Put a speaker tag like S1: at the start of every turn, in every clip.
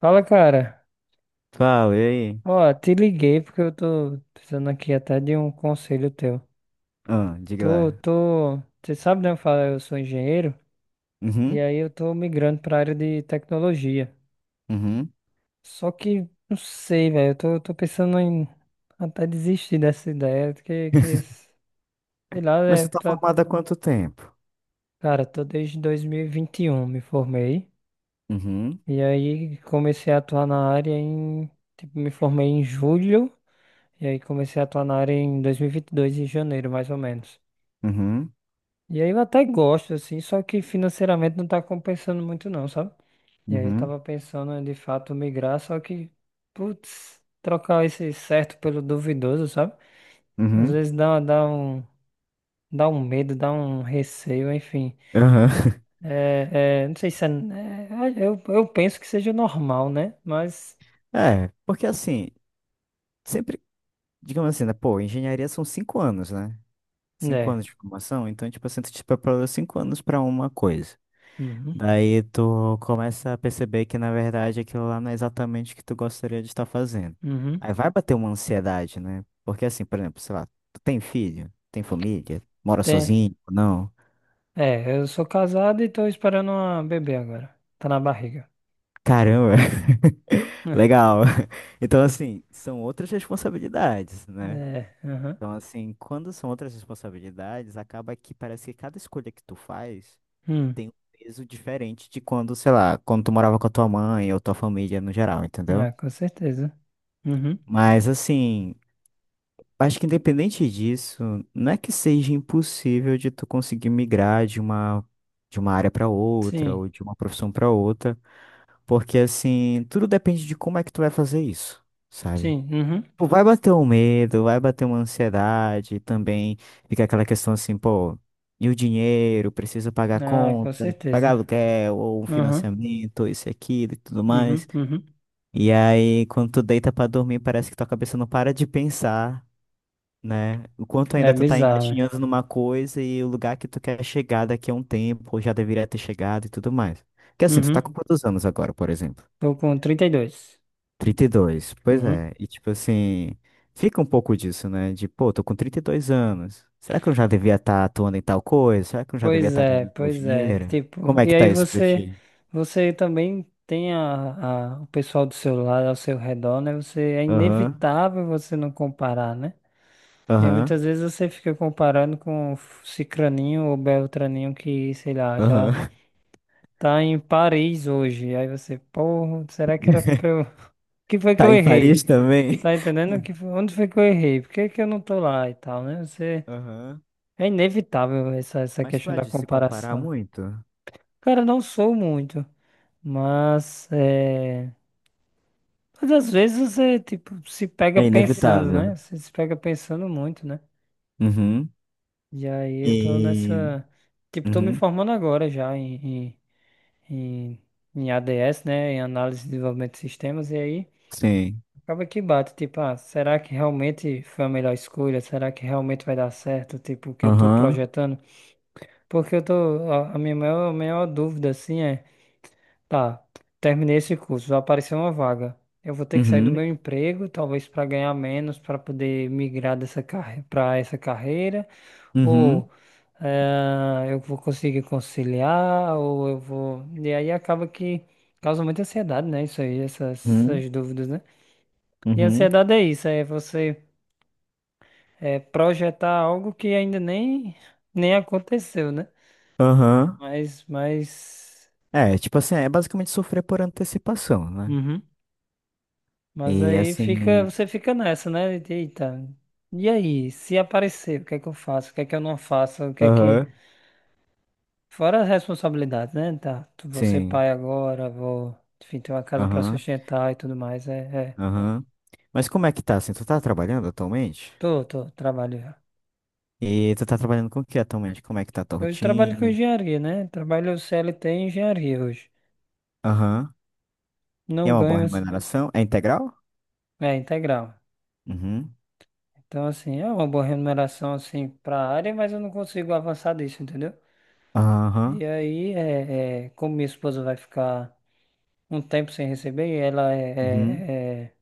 S1: Fala, cara.
S2: Fala, e aí?
S1: Ó, te liguei porque eu tô precisando aqui até de um conselho teu.
S2: Ah, diga
S1: Tô,
S2: lá.
S1: tô, você sabe, né? Eu falo, eu sou engenheiro e
S2: Uhum,
S1: aí eu tô migrando pra área de tecnologia.
S2: uhum.
S1: Só que não sei, velho. Eu tô pensando em até desistir dessa ideia, que sei lá,
S2: Mas tu
S1: é,
S2: tá
S1: tá,
S2: formada há quanto tempo?
S1: cara, tô desde dois mil e vinte e um, me formei
S2: Uhum,
S1: e aí comecei a atuar na área em, tipo, me formei em julho. E aí comecei a atuar na área em dois mil e vinte e dois em janeiro, mais ou menos.
S2: uhum,
S1: E aí eu até gosto, assim, só que financeiramente não tá compensando muito não, sabe? E aí eu
S2: uhum,
S1: tava pensando em, de fato, migrar, só que, putz, trocar esse certo pelo duvidoso, sabe? Às
S2: uhum,
S1: vezes dá um medo, dá um receio, enfim.
S2: aham.
S1: Não sei se é, eu penso que seja normal, né?
S2: É, porque assim, sempre, digamos assim, né? Pô, engenharia são 5 anos, né? Cinco
S1: Né,
S2: anos de formação, então, tipo assim, tu te preparou 5 anos pra uma coisa.
S1: uhum,
S2: Daí tu começa a perceber que, na verdade, aquilo lá não é exatamente o que tu gostaria de estar fazendo.
S1: uhum.
S2: Aí vai bater uma ansiedade, né? Porque assim, por exemplo, sei lá, tu tem filho, tem família, mora
S1: Tem,
S2: sozinho, não?
S1: é, eu sou casado e tô esperando uma bebê agora. Tá na barriga.
S2: Caramba, legal. Então, assim, são outras responsabilidades, né?
S1: É, aham.
S2: Então, assim, quando são outras responsabilidades, acaba que parece que cada escolha que tu faz
S1: Uhum.
S2: tem um peso diferente de quando, sei lá, quando tu morava com a tua mãe ou tua família no geral, entendeu?
S1: Ah, com certeza. Uhum.
S2: Mas assim. Acho que independente disso, não é que seja impossível de tu conseguir migrar de uma área para outra
S1: Sim,
S2: ou de uma profissão para outra, porque assim, tudo depende de como é que tu vai fazer isso, sabe?
S1: sim, uhum.
S2: Pô, vai bater um medo, vai bater uma ansiedade, também fica aquela questão assim, pô, e o dinheiro, preciso pagar
S1: Ah, com
S2: conta, pagar
S1: certeza.
S2: aluguel ou um
S1: Uhum,
S2: financiamento, isso e aquilo e tudo
S1: uhum,
S2: mais.
S1: uhum.
S2: E aí, quando tu deita pra dormir, parece que tua cabeça não para de pensar, né? O quanto
S1: É
S2: ainda tu tá
S1: bizarro, né?
S2: engatinhando numa coisa e o lugar que tu quer chegar daqui a um tempo, ou já deveria ter chegado e tudo mais. Porque assim, tu tá
S1: Uhum.
S2: com quantos anos agora, por exemplo?
S1: Tô com 32.
S2: 32. Pois
S1: Uhum.
S2: é, e tipo assim, fica um pouco disso, né? De, pô, tô com 32 anos. Será que eu já devia estar atuando em tal coisa? Será que eu já devia
S1: Pois
S2: estar
S1: é,
S2: ganhando tal
S1: pois é.
S2: dinheiro?
S1: Tipo,
S2: Como é
S1: e
S2: que
S1: aí
S2: tá isso pra
S1: você,
S2: ti?
S1: você também tem o pessoal do seu lado, ao seu redor, né? Você, é
S2: Aham,
S1: inevitável você não comparar, né? E aí
S2: aham,
S1: muitas vezes você fica comparando com Cicraninho ou Beltraninho que, sei lá, já
S2: aham.
S1: tá em Paris hoje. Aí você, porra, será que era pra eu... O que foi que
S2: Tá
S1: eu
S2: em
S1: errei?
S2: Paris também?
S1: Tá entendendo? Que onde foi que eu errei? Por que que eu não tô lá e tal, né? Você...
S2: Aham.
S1: É inevitável essa
S2: Mas tu
S1: questão
S2: há
S1: da
S2: de se comparar
S1: comparação.
S2: muito?
S1: Cara, não sou muito, mas... É... Mas às vezes você, tipo, se pega
S2: É
S1: pensando,
S2: inevitável.
S1: né? Você se pega pensando muito, né?
S2: Uhum.
S1: E aí eu tô
S2: E.
S1: nessa... Tipo, tô me
S2: Uhum.
S1: formando agora já em... em... em- em ADS, né, em análise e desenvolvimento de sistemas. E aí
S2: Sim.
S1: acaba que bate, tipo, ah, será que realmente foi a melhor escolha? Será que realmente vai dar certo? Tipo, o que eu tô
S2: Aham.
S1: projetando? Porque eu tô, a minha maior, maior dúvida, assim, é, tá, terminei esse curso, vai aparecer uma vaga. Eu vou ter que sair do meu
S2: Uhum.
S1: emprego, talvez para ganhar menos, para poder migrar dessa carre para essa carreira, ou
S2: Uhum.
S1: eh, eu vou conseguir conciliar, ou eu vou. E aí acaba que causa muita ansiedade, né? Isso aí, essas
S2: Uhum.
S1: essas dúvidas, né? E a
S2: Uhum.
S1: ansiedade é isso, é você é, projetar algo que ainda nem aconteceu, né?
S2: Aham.
S1: Mas, mas,
S2: É, tipo assim, é basicamente sofrer por antecipação, né?
S1: uhum. Mas
S2: E
S1: aí fica,
S2: assim.
S1: você fica nessa, né, de, eita, e aí, se aparecer, o que é que eu faço? O que é que eu não faço? O que é que...
S2: Aham.
S1: Fora as responsabilidades, né? Tá, vou ser
S2: Sim.
S1: pai agora, vou, enfim, ter uma casa pra
S2: Aham.
S1: sustentar e tudo mais. É, é.
S2: Aham. Mas como é que tá, assim? Tu tá trabalhando atualmente?
S1: Trabalho já.
S2: E tu tá trabalhando com o que atualmente? Como é que tá a tua
S1: Hoje eu trabalho com
S2: rotina?
S1: engenharia, né? Trabalho CLT em engenharia hoje.
S2: Aham. E
S1: Não
S2: é uma
S1: ganho,
S2: boa
S1: mas-
S2: remuneração? É integral?
S1: é integral.
S2: Uhum.
S1: Então, assim, é uma boa remuneração, assim, para a área, mas eu não consigo avançar disso, entendeu?
S2: Aham.
S1: E aí, como minha esposa vai ficar um tempo sem receber, e ela
S2: Uhum.
S1: é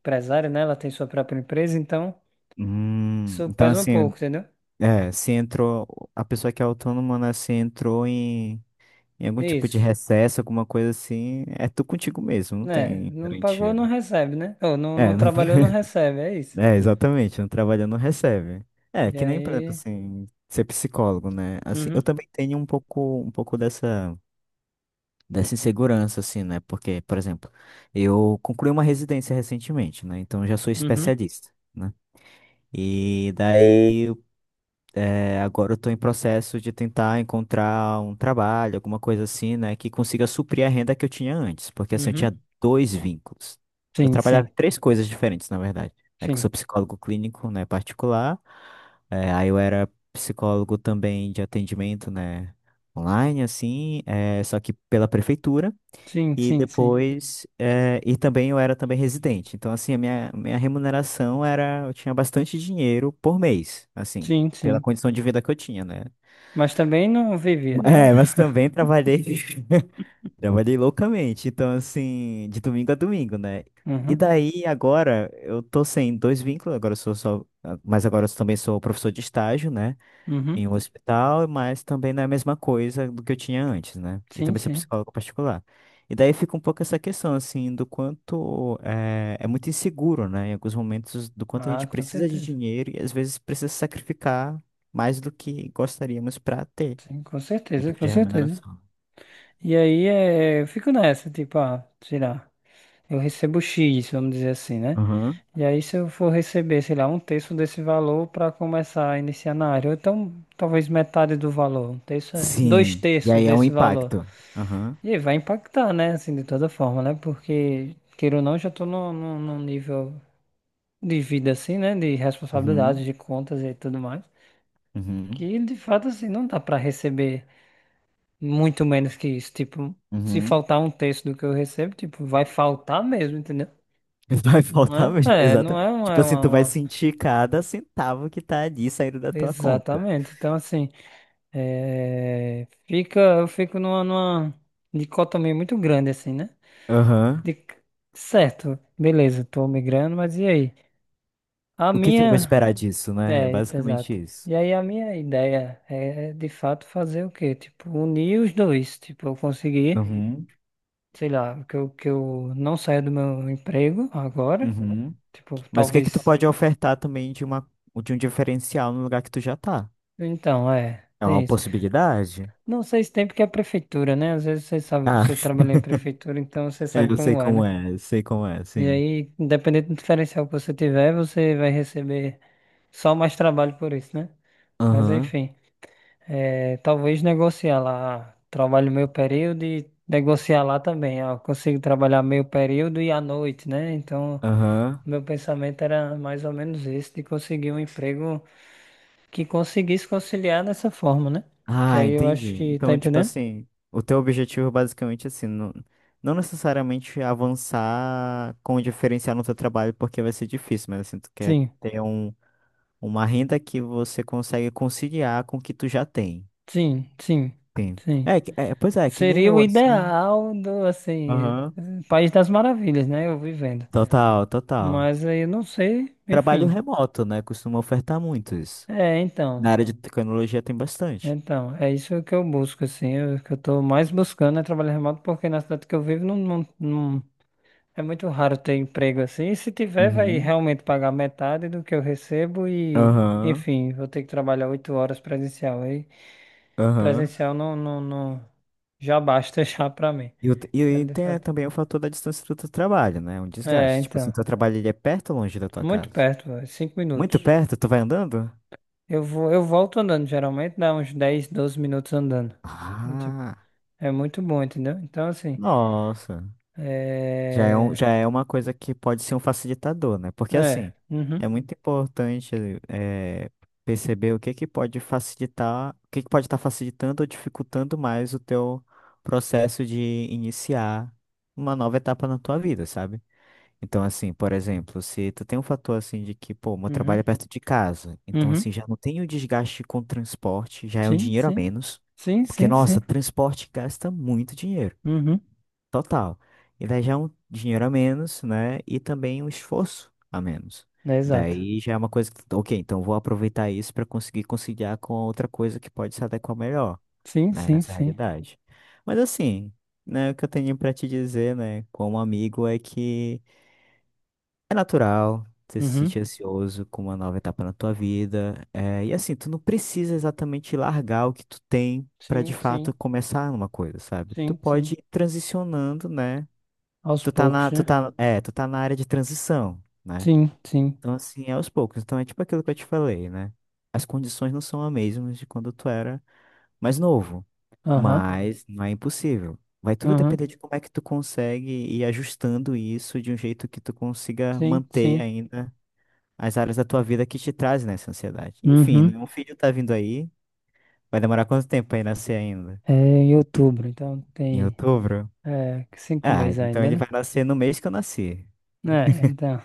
S1: empresária, né? Ela tem sua própria empresa, então
S2: Hum.
S1: isso
S2: Então,
S1: pesa um
S2: assim.
S1: pouco, entendeu?
S2: É, se entrou, a pessoa que é autônoma, né, se entrou em, algum tipo de
S1: Isso.
S2: recesso, alguma coisa assim, é tu contigo mesmo, não
S1: Né?
S2: tem
S1: Não pagou,
S2: garantia,
S1: não
S2: né?
S1: recebe, né? Ou não, não
S2: É,
S1: trabalhou, não recebe, é isso.
S2: é, exatamente, não trabalha, não recebe. É,
S1: E
S2: que nem, por exemplo,
S1: aí...
S2: assim, ser psicólogo, né? Assim, eu
S1: Uhum,
S2: também tenho um pouco dessa insegurança, assim, né? Porque, por exemplo, eu concluí uma residência recentemente, né? Então eu já sou
S1: uhum,
S2: especialista, né? E daí é, agora eu estou em processo de tentar encontrar um trabalho, alguma coisa assim, né, que consiga suprir a renda que eu tinha antes, porque assim, eu
S1: uhum.
S2: tinha dois vínculos. Eu
S1: Sim,
S2: trabalhava
S1: sim,
S2: em três coisas diferentes, na verdade, né, que eu
S1: sim.
S2: sou psicólogo clínico, né, particular, é, aí eu era psicólogo também de atendimento, né, online, assim, é, só que pela prefeitura,
S1: Sim,
S2: e
S1: sim, sim.
S2: depois, e também eu era também residente. Então, assim, a minha remuneração era, eu tinha bastante dinheiro por mês, assim,
S1: Sim,
S2: pela
S1: sim.
S2: condição de vida que eu tinha, né?
S1: Mas também não vivia, né?
S2: É, mas também trabalhei, trabalhei loucamente. Então, assim, de domingo a domingo, né? E
S1: Uhum.
S2: daí, agora, eu tô sem dois vínculos, agora eu sou só, ah, mas agora eu também sou professor de estágio, né?
S1: Uhum.
S2: Em um hospital, mas também não é a mesma coisa do que eu tinha antes, né? E
S1: Sim,
S2: também sou
S1: sim.
S2: psicólogo particular. E daí fica um pouco essa questão, assim, do quanto é, é muito inseguro, né? Em alguns momentos, do quanto a
S1: Ah,
S2: gente
S1: com
S2: precisa de
S1: certeza.
S2: dinheiro e às vezes precisa sacrificar mais do que gostaríamos para ter
S1: Sim, com
S2: um
S1: certeza,
S2: tipo
S1: com
S2: de
S1: certeza.
S2: remuneração.
S1: E aí é, eu fico nessa, tipo, ah, sei lá, eu recebo X, vamos dizer assim, né?
S2: Aham.
S1: E aí se eu for receber, sei lá, um terço desse valor para começar a iniciar na área, ou então talvez metade do valor, um terço, é- dois
S2: Sim. E
S1: terços
S2: aí é um
S1: desse valor.
S2: impacto. Aham.
S1: E aí vai impactar, né? Assim, de toda forma, né? Porque, queira ou não, eu já tô num nível de vida assim, né? De
S2: Uhum.
S1: responsabilidades, de contas e tudo mais.
S2: Uhum.
S1: Que de fato assim não dá para receber muito menos que isso. Tipo, se
S2: Uhum.
S1: faltar um terço do que eu recebo, tipo, vai faltar mesmo, entendeu?
S2: Vai
S1: Não
S2: faltar
S1: é?
S2: mesmo.
S1: É, não
S2: Exatamente. Tipo assim, tu vai
S1: uma...
S2: sentir cada centavo que tá ali saindo da tua conta.
S1: Exatamente. Então, assim, é, fica, eu fico numa dicotomia muito grande, assim, né?
S2: Aham.
S1: De... Certo, beleza, tô migrando, mas e aí? A
S2: O que que eu vou
S1: minha...
S2: esperar disso, né? É
S1: É,
S2: basicamente
S1: exato.
S2: isso.
S1: E aí, a minha ideia é, de fato, fazer o quê? Tipo, unir os dois. Tipo, eu conseguir,
S2: Uhum.
S1: sei lá, que eu não saia do meu emprego agora.
S2: Uhum.
S1: Tipo,
S2: Mas o que que tu
S1: talvez.
S2: pode ofertar também de uma, de um diferencial no lugar que tu já tá?
S1: Então, é,
S2: É uma
S1: tem isso.
S2: possibilidade?
S1: Não sei se tem porque é a prefeitura, né? Às vezes você sabe,
S2: Ah,
S1: você trabalha em prefeitura, então você
S2: é,
S1: sabe
S2: eu sei
S1: como é,
S2: como
S1: né?
S2: é, eu sei como é,
S1: E
S2: sim.
S1: aí, independente do diferencial que você tiver, você vai receber só mais trabalho por isso, né? Mas
S2: Aham,
S1: enfim, é, talvez negociar lá, ah, trabalho meio período e negociar lá também. Ah, eu consigo trabalhar meio período e à noite, né? Então.
S2: aham.
S1: Meu pensamento era mais ou menos esse, de conseguir um emprego que conseguisse conciliar dessa forma, né? Que
S2: Ah,
S1: aí eu acho
S2: entendi.
S1: que, tá
S2: Então, tipo
S1: entendendo?
S2: assim, o teu objetivo é basicamente assim, não, não necessariamente avançar com o diferencial no teu trabalho, porque vai ser difícil, mas assim, tu quer
S1: Sim,
S2: ter um uma renda que você consegue conciliar com o que tu já tem.
S1: sim, sim,
S2: Sim.
S1: sim.
S2: É, que- é, pois é, que nem
S1: Seria o
S2: eu assim.
S1: ideal do, assim,
S2: Aham.
S1: País das Maravilhas, né? Eu vivendo.
S2: Total, total.
S1: Mas aí eu não sei,
S2: Trabalho
S1: enfim.
S2: remoto, né? Costuma ofertar muito isso.
S1: É,
S2: Na
S1: então.
S2: área de tecnologia tem bastante.
S1: Então, é isso que eu busco, assim. Eu- o que eu tô mais buscando é trabalho remoto, porque na cidade que eu vivo não, não, não, é muito raro ter emprego assim. E se tiver, vai
S2: Uhum.
S1: realmente pagar metade do que eu recebo e,
S2: Aham,
S1: enfim, vou ter que trabalhar 8 horas presencial. Aí,
S2: aham.
S1: presencial não, não, não, já basta já pra mim.
S2: E, o-
S1: Quero
S2: e
S1: de
S2: tem
S1: fato.
S2: também o fator da distância do teu trabalho, né? Um
S1: É,
S2: desgaste. Tipo assim,
S1: então,
S2: teu trabalho ele é perto ou longe da tua
S1: muito
S2: casa?
S1: perto, véio, 5 minutos.
S2: Muito perto? Tu vai andando?
S1: Eu vou, eu volto andando, geralmente dá uns 10, 12 minutos andando. E, tipo,
S2: Ah,
S1: é muito bom, entendeu? Então, assim,
S2: nossa. Já é, um,
S1: é,
S2: já é uma coisa que pode ser um facilitador, né? Porque,
S1: é,
S2: assim,
S1: uhum,
S2: é muito importante eh, perceber o que que pode facilitar, o que que pode estar facilitando ou dificultando mais o teu processo de iniciar uma nova etapa na tua vida, sabe? Então, assim, por exemplo, se tu tem um fator, assim, de que, pô, meu trabalho
S1: uhum,
S2: é perto de casa, então,
S1: uhum,
S2: assim, já não tem o desgaste com transporte, já é um
S1: sim,
S2: dinheiro a
S1: sim,
S2: menos,
S1: sim,
S2: porque,
S1: sim,
S2: nossa,
S1: sim,
S2: transporte gasta muito dinheiro.
S1: uhum,
S2: Total. E daí já é um dinheiro a menos, né? E também um esforço a menos.
S1: é exato.
S2: Daí já é uma coisa que, ok, então vou aproveitar isso para conseguir conciliar com outra coisa que pode se adequar melhor,
S1: Sim,
S2: né?
S1: sim,
S2: Nessa
S1: sim.
S2: realidade. Mas assim, né? O que eu tenho para te dizer, né? Como amigo, é que é natural você se
S1: Uhum.
S2: sentir ansioso com uma nova etapa na tua vida. É, e assim, tu não precisa exatamente largar o que tu tem para
S1: Sim,
S2: de fato
S1: sim,
S2: começar uma coisa, sabe? Tu
S1: sim,
S2: pode
S1: sim.
S2: ir transicionando, né?
S1: Aos
S2: tu tá na,
S1: poucos,
S2: tu
S1: né?
S2: tá, é, tu tá na área de transição, né?
S1: Sim, sim.
S2: Então, assim, é aos poucos. Então, é tipo aquilo que eu te falei, né? As condições não são as mesmas de quando tu era mais novo,
S1: Aham,
S2: mas não é impossível. Vai tudo
S1: aham.
S2: depender de como é que tu consegue ir ajustando isso de um jeito que tu consiga
S1: Sim,
S2: manter
S1: sim.
S2: ainda as áreas da tua vida que te trazem essa ansiedade. Enfim,
S1: Uhum.
S2: né? Um filho tá vindo aí, vai demorar quanto tempo pra ele nascer ainda?
S1: É em outubro, então
S2: Em
S1: tem
S2: outubro?
S1: é, cinco
S2: Ah,
S1: meses
S2: então
S1: ainda,
S2: ele
S1: né?
S2: vai nascer no mês que eu nasci.
S1: É, então.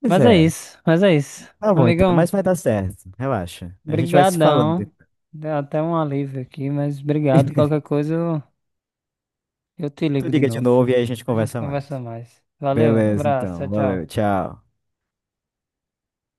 S2: Pois
S1: Mas é
S2: é,
S1: isso, mas é isso.
S2: tá bom, então,
S1: Amigão,
S2: mas vai dar certo. Relaxa. A gente vai se falando.
S1: brigadão. Deu até um alívio aqui, mas obrigado. Qualquer coisa eu te
S2: Tu
S1: ligo de
S2: liga de
S1: novo.
S2: novo e aí a gente
S1: A gente
S2: conversa mais.
S1: conversa mais. Valeu,
S2: Beleza,
S1: abraço, tchau,
S2: então. Valeu,
S1: tchau.
S2: tchau.